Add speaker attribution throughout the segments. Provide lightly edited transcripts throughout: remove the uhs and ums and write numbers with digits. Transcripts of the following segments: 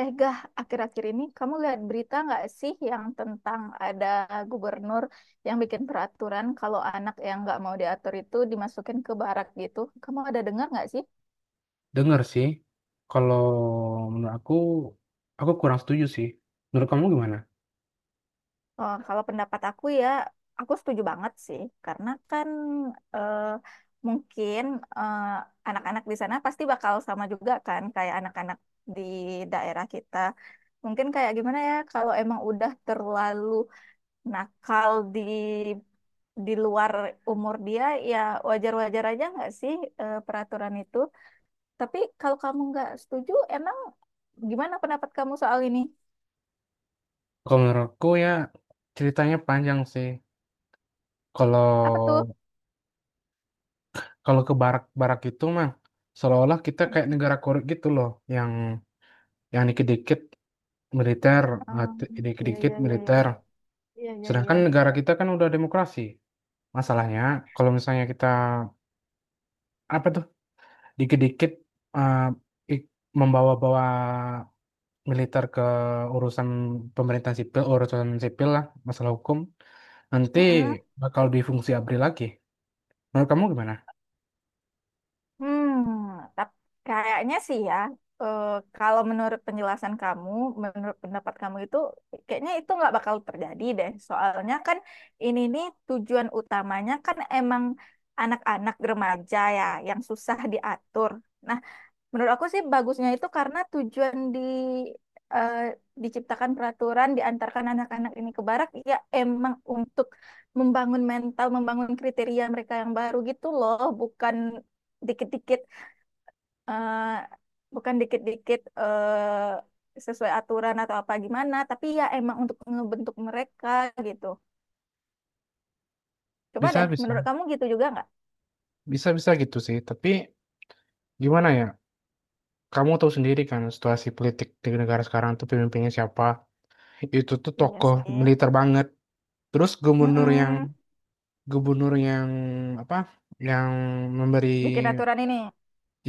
Speaker 1: Gah, akhir-akhir ini kamu lihat berita nggak sih yang tentang ada gubernur yang bikin peraturan kalau anak yang nggak mau diatur itu dimasukin ke barak gitu? Kamu ada dengar nggak sih?
Speaker 2: Dengar sih. Kalau menurut aku kurang setuju sih. Menurut kamu gimana?
Speaker 1: Kalau pendapat aku, ya, aku setuju banget sih, karena kan eh, mungkin eh, anak-anak di sana pasti bakal sama juga kan kayak anak-anak di daerah kita. Mungkin kayak gimana ya, kalau emang udah terlalu nakal di luar umur dia, ya wajar-wajar aja nggak sih peraturan itu. Tapi kalau kamu nggak setuju, emang gimana pendapat kamu soal ini?
Speaker 2: Kalau menurut aku ya ceritanya panjang sih.
Speaker 1: Apa tuh?
Speaker 2: Kalau kalau ke barak-barak itu mah seolah-olah kita kayak negara korup gitu loh, yang yang dikit-dikit militer,
Speaker 1: Iya,
Speaker 2: dikit-dikit
Speaker 1: iya, iya, iya.
Speaker 2: militer.
Speaker 1: Iya, iya,
Speaker 2: Sedangkan negara kita kan udah demokrasi. Masalahnya kalau misalnya kita apa tuh dikit-dikit eh, ik- membawa-bawa militer ke urusan pemerintahan sipil, urusan sipil lah, masalah hukum, nanti
Speaker 1: iya.
Speaker 2: bakal di fungsi ABRI lagi. Menurut kamu gimana?
Speaker 1: Hmm, tapi kayaknya sih, ya, eh, kalau menurut penjelasan kamu, menurut pendapat kamu itu, kayaknya itu nggak bakal terjadi deh. Soalnya kan ini nih tujuan utamanya kan emang anak-anak remaja, ya, yang susah diatur. Nah, menurut aku sih bagusnya itu karena tujuan eh, diciptakan peraturan diantarkan anak-anak ini ke barak ya emang untuk membangun mental, membangun kriteria mereka yang baru gitu loh, bukan dikit-dikit eh, sesuai aturan atau apa gimana, tapi ya emang untuk ngebentuk mereka gitu. Coba
Speaker 2: Bisa
Speaker 1: deh, menurut
Speaker 2: bisa.
Speaker 1: kamu gitu juga nggak?
Speaker 2: Bisa bisa gitu sih, tapi gimana ya, kamu tahu sendiri kan situasi politik di negara sekarang tuh pemimpinnya siapa, itu tuh
Speaker 1: Iya
Speaker 2: tokoh
Speaker 1: sih.
Speaker 2: militer banget. Terus gubernur yang
Speaker 1: Mm-mm.
Speaker 2: gubernur yang apa, yang memberi
Speaker 1: Bikin aturan ini.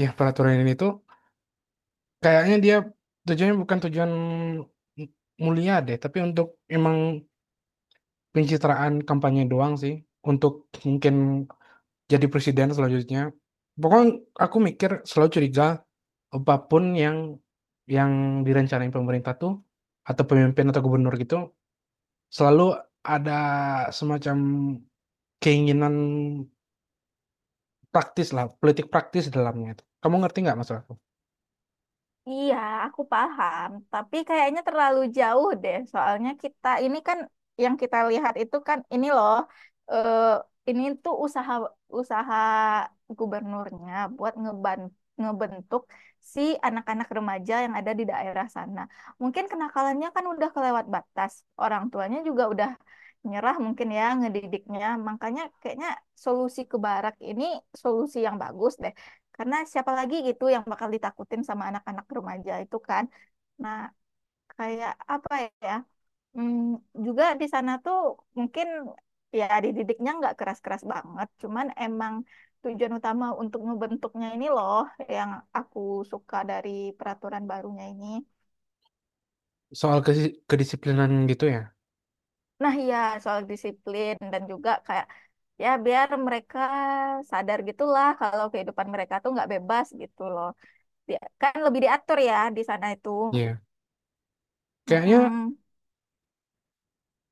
Speaker 2: ya peraturan ini tuh kayaknya dia tujuannya bukan tujuan mulia deh, tapi untuk emang pencitraan kampanye doang sih, untuk mungkin jadi presiden selanjutnya. Pokoknya aku mikir selalu curiga, apapun yang direncanain pemerintah tuh, atau pemimpin atau gubernur gitu, selalu ada semacam keinginan praktis lah politik praktis dalamnya itu. Kamu ngerti nggak maksud aku?
Speaker 1: Iya, aku paham, tapi kayaknya terlalu jauh deh. Soalnya kita ini kan, yang kita lihat itu kan ini loh, eh, ini tuh usaha usaha gubernurnya buat ngebentuk si anak-anak remaja yang ada di daerah sana. Mungkin kenakalannya kan udah kelewat batas. Orang tuanya juga udah nyerah mungkin ya ngedidiknya. Makanya kayaknya solusi ke barak ini solusi yang bagus deh. Karena siapa lagi gitu yang bakal ditakutin sama anak-anak remaja itu kan. Nah, kayak apa ya? Hmm, Juga di sana tuh mungkin ya dididiknya nggak keras-keras banget, cuman emang tujuan utama untuk ngebentuknya ini loh yang aku suka dari peraturan barunya ini.
Speaker 2: Soal kesi kedisiplinan gitu ya?
Speaker 1: Nah, ya soal disiplin dan juga kayak, ya, biar mereka sadar gitulah kalau kehidupan mereka tuh nggak bebas gitu loh. Dia kan lebih diatur ya di sana itu.
Speaker 2: Iya. Kayaknya
Speaker 1: Mm-mm.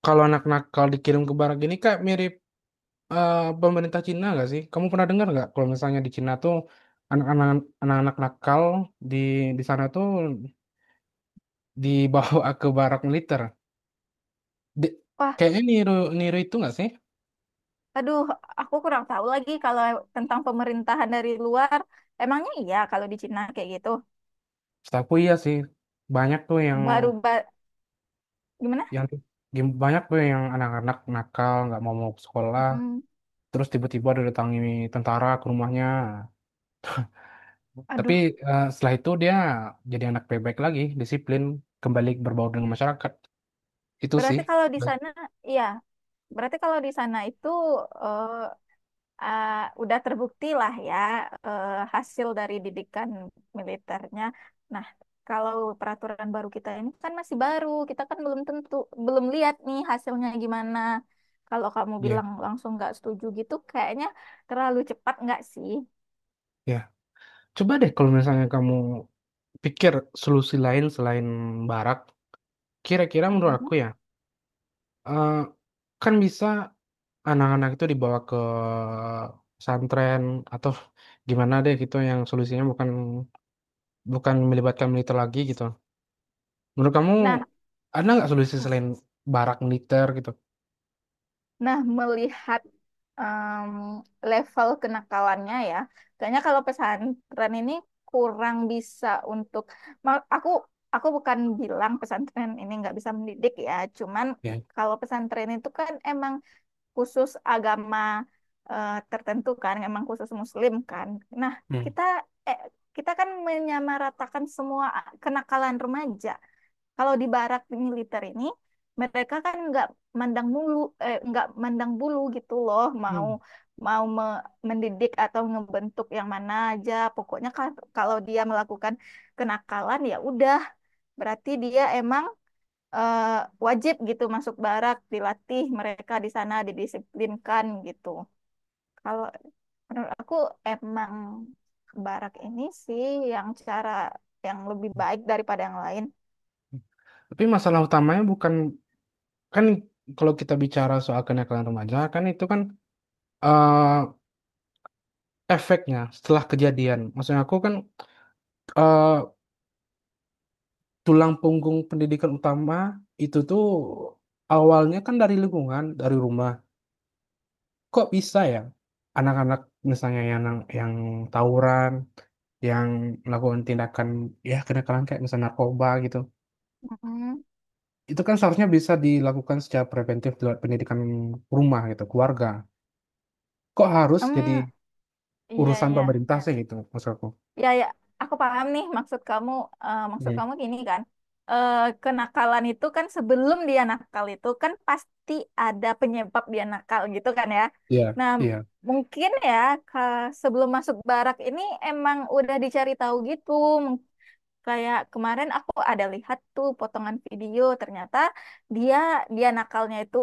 Speaker 2: kalau anak nakal dikirim ke barak gini kayak mirip pemerintah Cina nggak sih? Kamu pernah dengar nggak kalau misalnya di Cina tuh anak-anak anak-anak nakal di di sana tuh dibawa ke barak militer? Di
Speaker 1: Wah,
Speaker 2: kayaknya niru niru itu nggak sih?
Speaker 1: aduh, aku kurang tahu lagi kalau tentang pemerintahan dari luar. Emangnya iya kalau di Cina kayak gitu.
Speaker 2: Setahuku iya sih. Banyak tuh
Speaker 1: Baru ba gimana?
Speaker 2: yang gim banyak tuh yang anak-anak nakal nggak mau mau ke sekolah,
Speaker 1: Mm-mm.
Speaker 2: terus tiba-tiba didatangi tentara ke rumahnya. Tapi,
Speaker 1: Aduh,
Speaker 2: setelah itu dia jadi anak baik-baik lagi, disiplin, kembali berbaur dengan masyarakat. Itu sih.
Speaker 1: berarti kalau di
Speaker 2: Ba
Speaker 1: sana, iya. Berarti kalau di sana itu eh, eh, udah terbukti lah, ya, eh, hasil dari didikan militernya. Nah, kalau peraturan baru kita ini kan masih baru, kita kan belum lihat nih hasilnya gimana. Kalau kamu
Speaker 2: iya,
Speaker 1: bilang langsung nggak setuju gitu, kayaknya terlalu cepat nggak sih?
Speaker 2: iya. Coba deh kalau misalnya kamu pikir solusi lain selain barak, kira-kira menurut
Speaker 1: Mm-mm.
Speaker 2: aku ya, eee, kan bisa anak-anak itu dibawa ke pesantren atau gimana deh gitu yang solusinya bukan bukan melibatkan militer lagi gitu. Menurut kamu
Speaker 1: Nah,
Speaker 2: ada nggak solusi selain barak militer gitu?
Speaker 1: nah, melihat em, level kenakalannya, ya, kayaknya kalau pesantren ini kurang bisa untuk ma- aku aku bukan bilang pesantren ini nggak bisa mendidik, ya, cuman
Speaker 2: Ya,
Speaker 1: kalau pesantren itu kan emang khusus agama tertentu kan, emang khusus Muslim kan. Nah,
Speaker 2: mhm,
Speaker 1: kita eh, kita kan menyamaratakan semua kenakalan remaja. Kalau di barak militer ini, mereka kan nggak mandang mulu, mandang bulu gitu loh, mau
Speaker 2: mmm.
Speaker 1: mau me- mendidik atau ngebentuk yang mana aja. Pokoknya kalau dia melakukan kenakalan ya udah, berarti dia emang eh, wajib gitu masuk barak, dilatih mereka di sana, didisiplinkan gitu. Kalau menurut aku emang barak ini sih yang cara yang lebih baik daripada yang lain.
Speaker 2: Mmm. Tapi masalah utamanya bukan kan kalau kita bicara soal kenakalan remaja kan itu kan, eee, efeknya, setelah kejadian. Maksudnya aku kan, eee, tulang punggung pendidikan utama itu tuh awalnya kan dari lingkungan, dari rumah. Kok bisa ya anak-anak misalnya yang nang yang tawuran, yang melakukan tindakan, ya kenakalan kayak misalnya narkoba gitu,
Speaker 1: Mm.
Speaker 2: itu kan seharusnya bisa dilakukan secara preventif lewat pendidikan rumah gitu, keluarga. Kok harus jadi
Speaker 1: Em, Iya,
Speaker 2: urusan
Speaker 1: iya.
Speaker 2: pemerintah iya sih gitu maksud aku.
Speaker 1: Ya, ya. Aku paham nih maksud kamu. Maksud
Speaker 2: Mhm,
Speaker 1: kamu gini kan. eh Kenakalan itu kan sebelum dia nakal itu kan pasti ada penyebab dia nakal gitu kan, ya.
Speaker 2: iya,
Speaker 1: Nah,
Speaker 2: iya.
Speaker 1: mungkin ya ka- sebelum masuk barak ini emang udah dicari tahu gitu. Kayak kemarin aku ada lihat tuh potongan video, ternyata dia dia nakalnya itu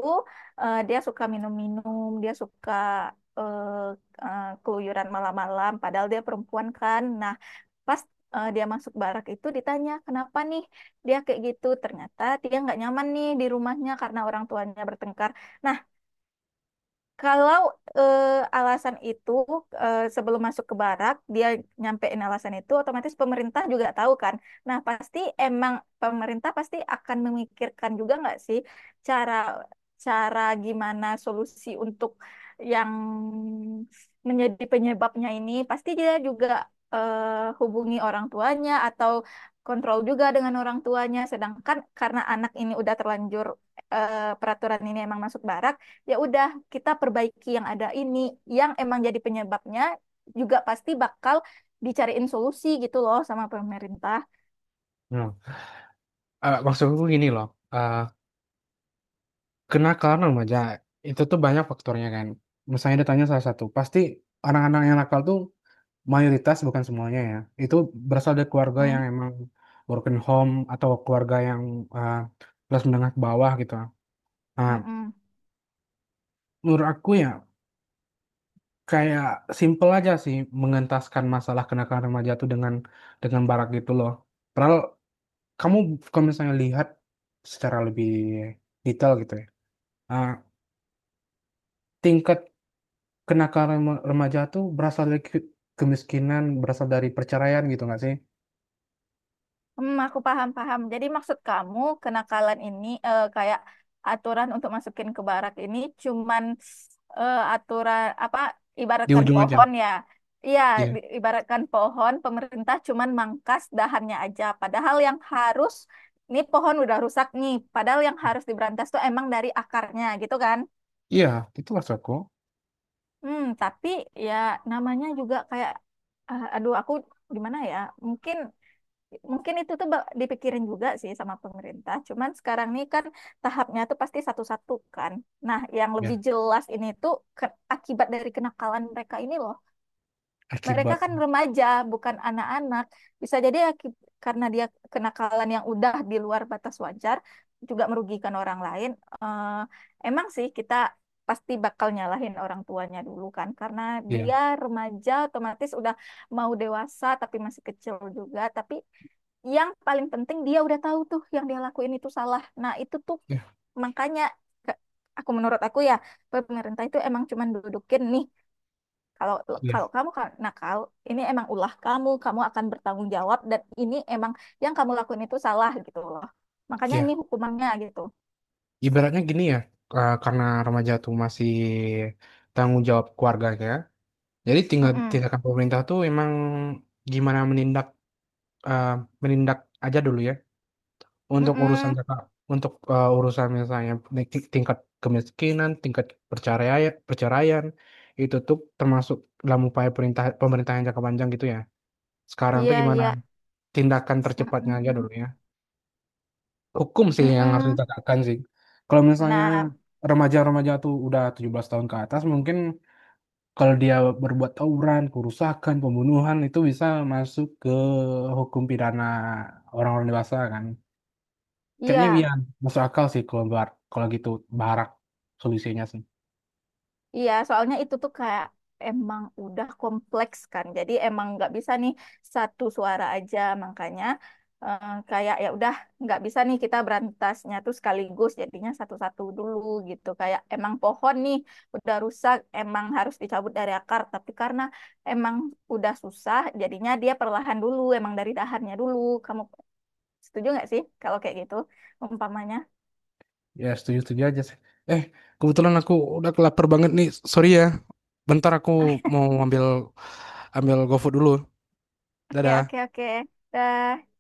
Speaker 1: dia suka minum-minum, dia suka eh keluyuran malam-malam, padahal dia perempuan kan. Nah, pas dia masuk barak itu ditanya kenapa nih dia kayak gitu, ternyata dia nggak nyaman nih di rumahnya karena orang tuanya bertengkar. Nah, kalau alasan itu sebelum masuk ke barak dia nyampein alasan itu otomatis pemerintah juga tahu kan. Nah, pasti emang pemerintah pasti akan memikirkan juga nggak sih cara cara gimana solusi untuk yang menjadi penyebabnya ini. Pasti dia juga hubungi orang tuanya atau kontrol juga dengan orang tuanya. Sedangkan karena anak ini udah terlanjur peraturan ini emang masuk barak, ya udah kita perbaiki yang ada ini, yang emang jadi penyebabnya juga pasti bakal dicariin solusi gitu loh sama pemerintah.
Speaker 2: Nah, maksud aku gini loh, eee kena karena remaja, itu tuh banyak faktornya kan. Misalnya ditanya salah satu, pasti anak-anak yang nakal tuh mayoritas bukan semuanya ya, itu berasal dari keluarga yang
Speaker 1: Mm,
Speaker 2: emang broken home atau keluarga yang, eee, kelas menengah ke bawah gitu. Nah,
Speaker 1: mm-mm.
Speaker 2: menurut aku ya kayak simple aja sih mengentaskan masalah kenakalan remaja tuh dengan barak gitu loh. Padahal kamu kalau misalnya lihat secara lebih detail gitu ya, eee, tingkat kenakalan rema remaja tuh berasal dari ke kemiskinan, berasal dari perceraian gitu nggak sih?
Speaker 1: Aku paham paham. Jadi maksud kamu kenakalan ini kayak aturan untuk masukin ke barak ini cuman aturan apa,
Speaker 2: Di iya
Speaker 1: ibaratkan
Speaker 2: ujung aja?
Speaker 1: pohon ya. Iya,
Speaker 2: Iya.
Speaker 1: ibaratkan pohon pemerintah cuman mangkas dahannya aja. Padahal yang harus, ini pohon udah rusak nih. Padahal yang harus diberantas tuh emang dari akarnya gitu kan.
Speaker 2: Iya, itu maksudku.
Speaker 1: Tapi ya namanya juga kayak, ah, aduh, aku gimana ya? Mungkin Mungkin itu tuh dipikirin juga sih sama pemerintah. Cuman sekarang nih kan tahapnya tuh pasti satu-satu kan. Nah, yang lebih
Speaker 2: Ya,
Speaker 1: jelas ini tuh akibat dari kenakalan mereka ini loh, mereka
Speaker 2: akibat
Speaker 1: kan remaja, bukan anak-anak. Bisa jadi karena dia kenakalan yang udah di luar batas wajar, juga merugikan orang lain. Eh, Emang sih kita pasti bakal nyalahin orang tuanya dulu kan, karena
Speaker 2: iya,
Speaker 1: dia remaja otomatis udah mau dewasa tapi masih kecil juga. Tapi yang paling penting dia udah tahu tuh yang dia lakuin itu salah. Nah, itu tuh
Speaker 2: iya,
Speaker 1: makanya menurut aku, ya, pemerintah itu emang cuman dudukin nih, kalau
Speaker 2: iya,
Speaker 1: kalau kamu nakal, ini emang ulah kamu, kamu akan bertanggung jawab dan ini emang yang kamu lakuin itu salah gitu loh. Makanya ini
Speaker 2: iya.
Speaker 1: hukumannya gitu.
Speaker 2: Ibaratnya gini ya, karena remaja tuh masih tanggung jawab keluarganya, jadi tinggal
Speaker 1: Mm-mm.
Speaker 2: tindakan pemerintah tuh emang gimana menindak eee, menindak aja dulu ya. Untuk urusan
Speaker 1: Mm-mm.
Speaker 2: Kakak untuk, urusan misalnya naik ti tingkat kemiskinan, tingkat percaraian perceraian, itu tuh termasuk dalam upaya perintah pemerintahan jangka panjang gitu ya? Sekarang tuh
Speaker 1: Iya,
Speaker 2: gimana
Speaker 1: iya.
Speaker 2: tindakan tercepatnya aja
Speaker 1: Mm-mm.
Speaker 2: dulu ya? Hukum sih yang harus
Speaker 1: Mm-mm.
Speaker 2: ditegakkan sih. Kalau misalnya
Speaker 1: Nah,
Speaker 2: remaja-remaja tuh udah 17 tahun ke atas mungkin kalau dia berbuat tawuran, kerusakan, pembunuhan itu bisa masuk ke hukum pidana orang-orang dewasa kan. Kayaknya iya,
Speaker 1: iya.
Speaker 2: masuk akal sih kalau bar kalau gitu barak solusinya sih.
Speaker 1: Iya, soalnya itu tuh kayak emang udah kompleks kan. Jadi emang nggak bisa nih satu suara aja. Makanya kayak ya udah nggak bisa nih kita berantasnya tuh sekaligus. Jadinya satu-satu dulu gitu. Kayak emang pohon nih udah rusak, emang harus dicabut dari akar. Tapi karena emang udah susah, jadinya dia perlahan dulu. Emang dari dahannya dulu. Kamu setuju nggak sih kalau kayak gitu umpamanya?
Speaker 2: Ya setuju-setuju aja sih. Eh, kebetulan aku udah lapar banget nih, sorry ya. Bentar aku mau ambil ambil GoFood dulu.
Speaker 1: Oke,
Speaker 2: Dadah.
Speaker 1: oke, oke. Dah.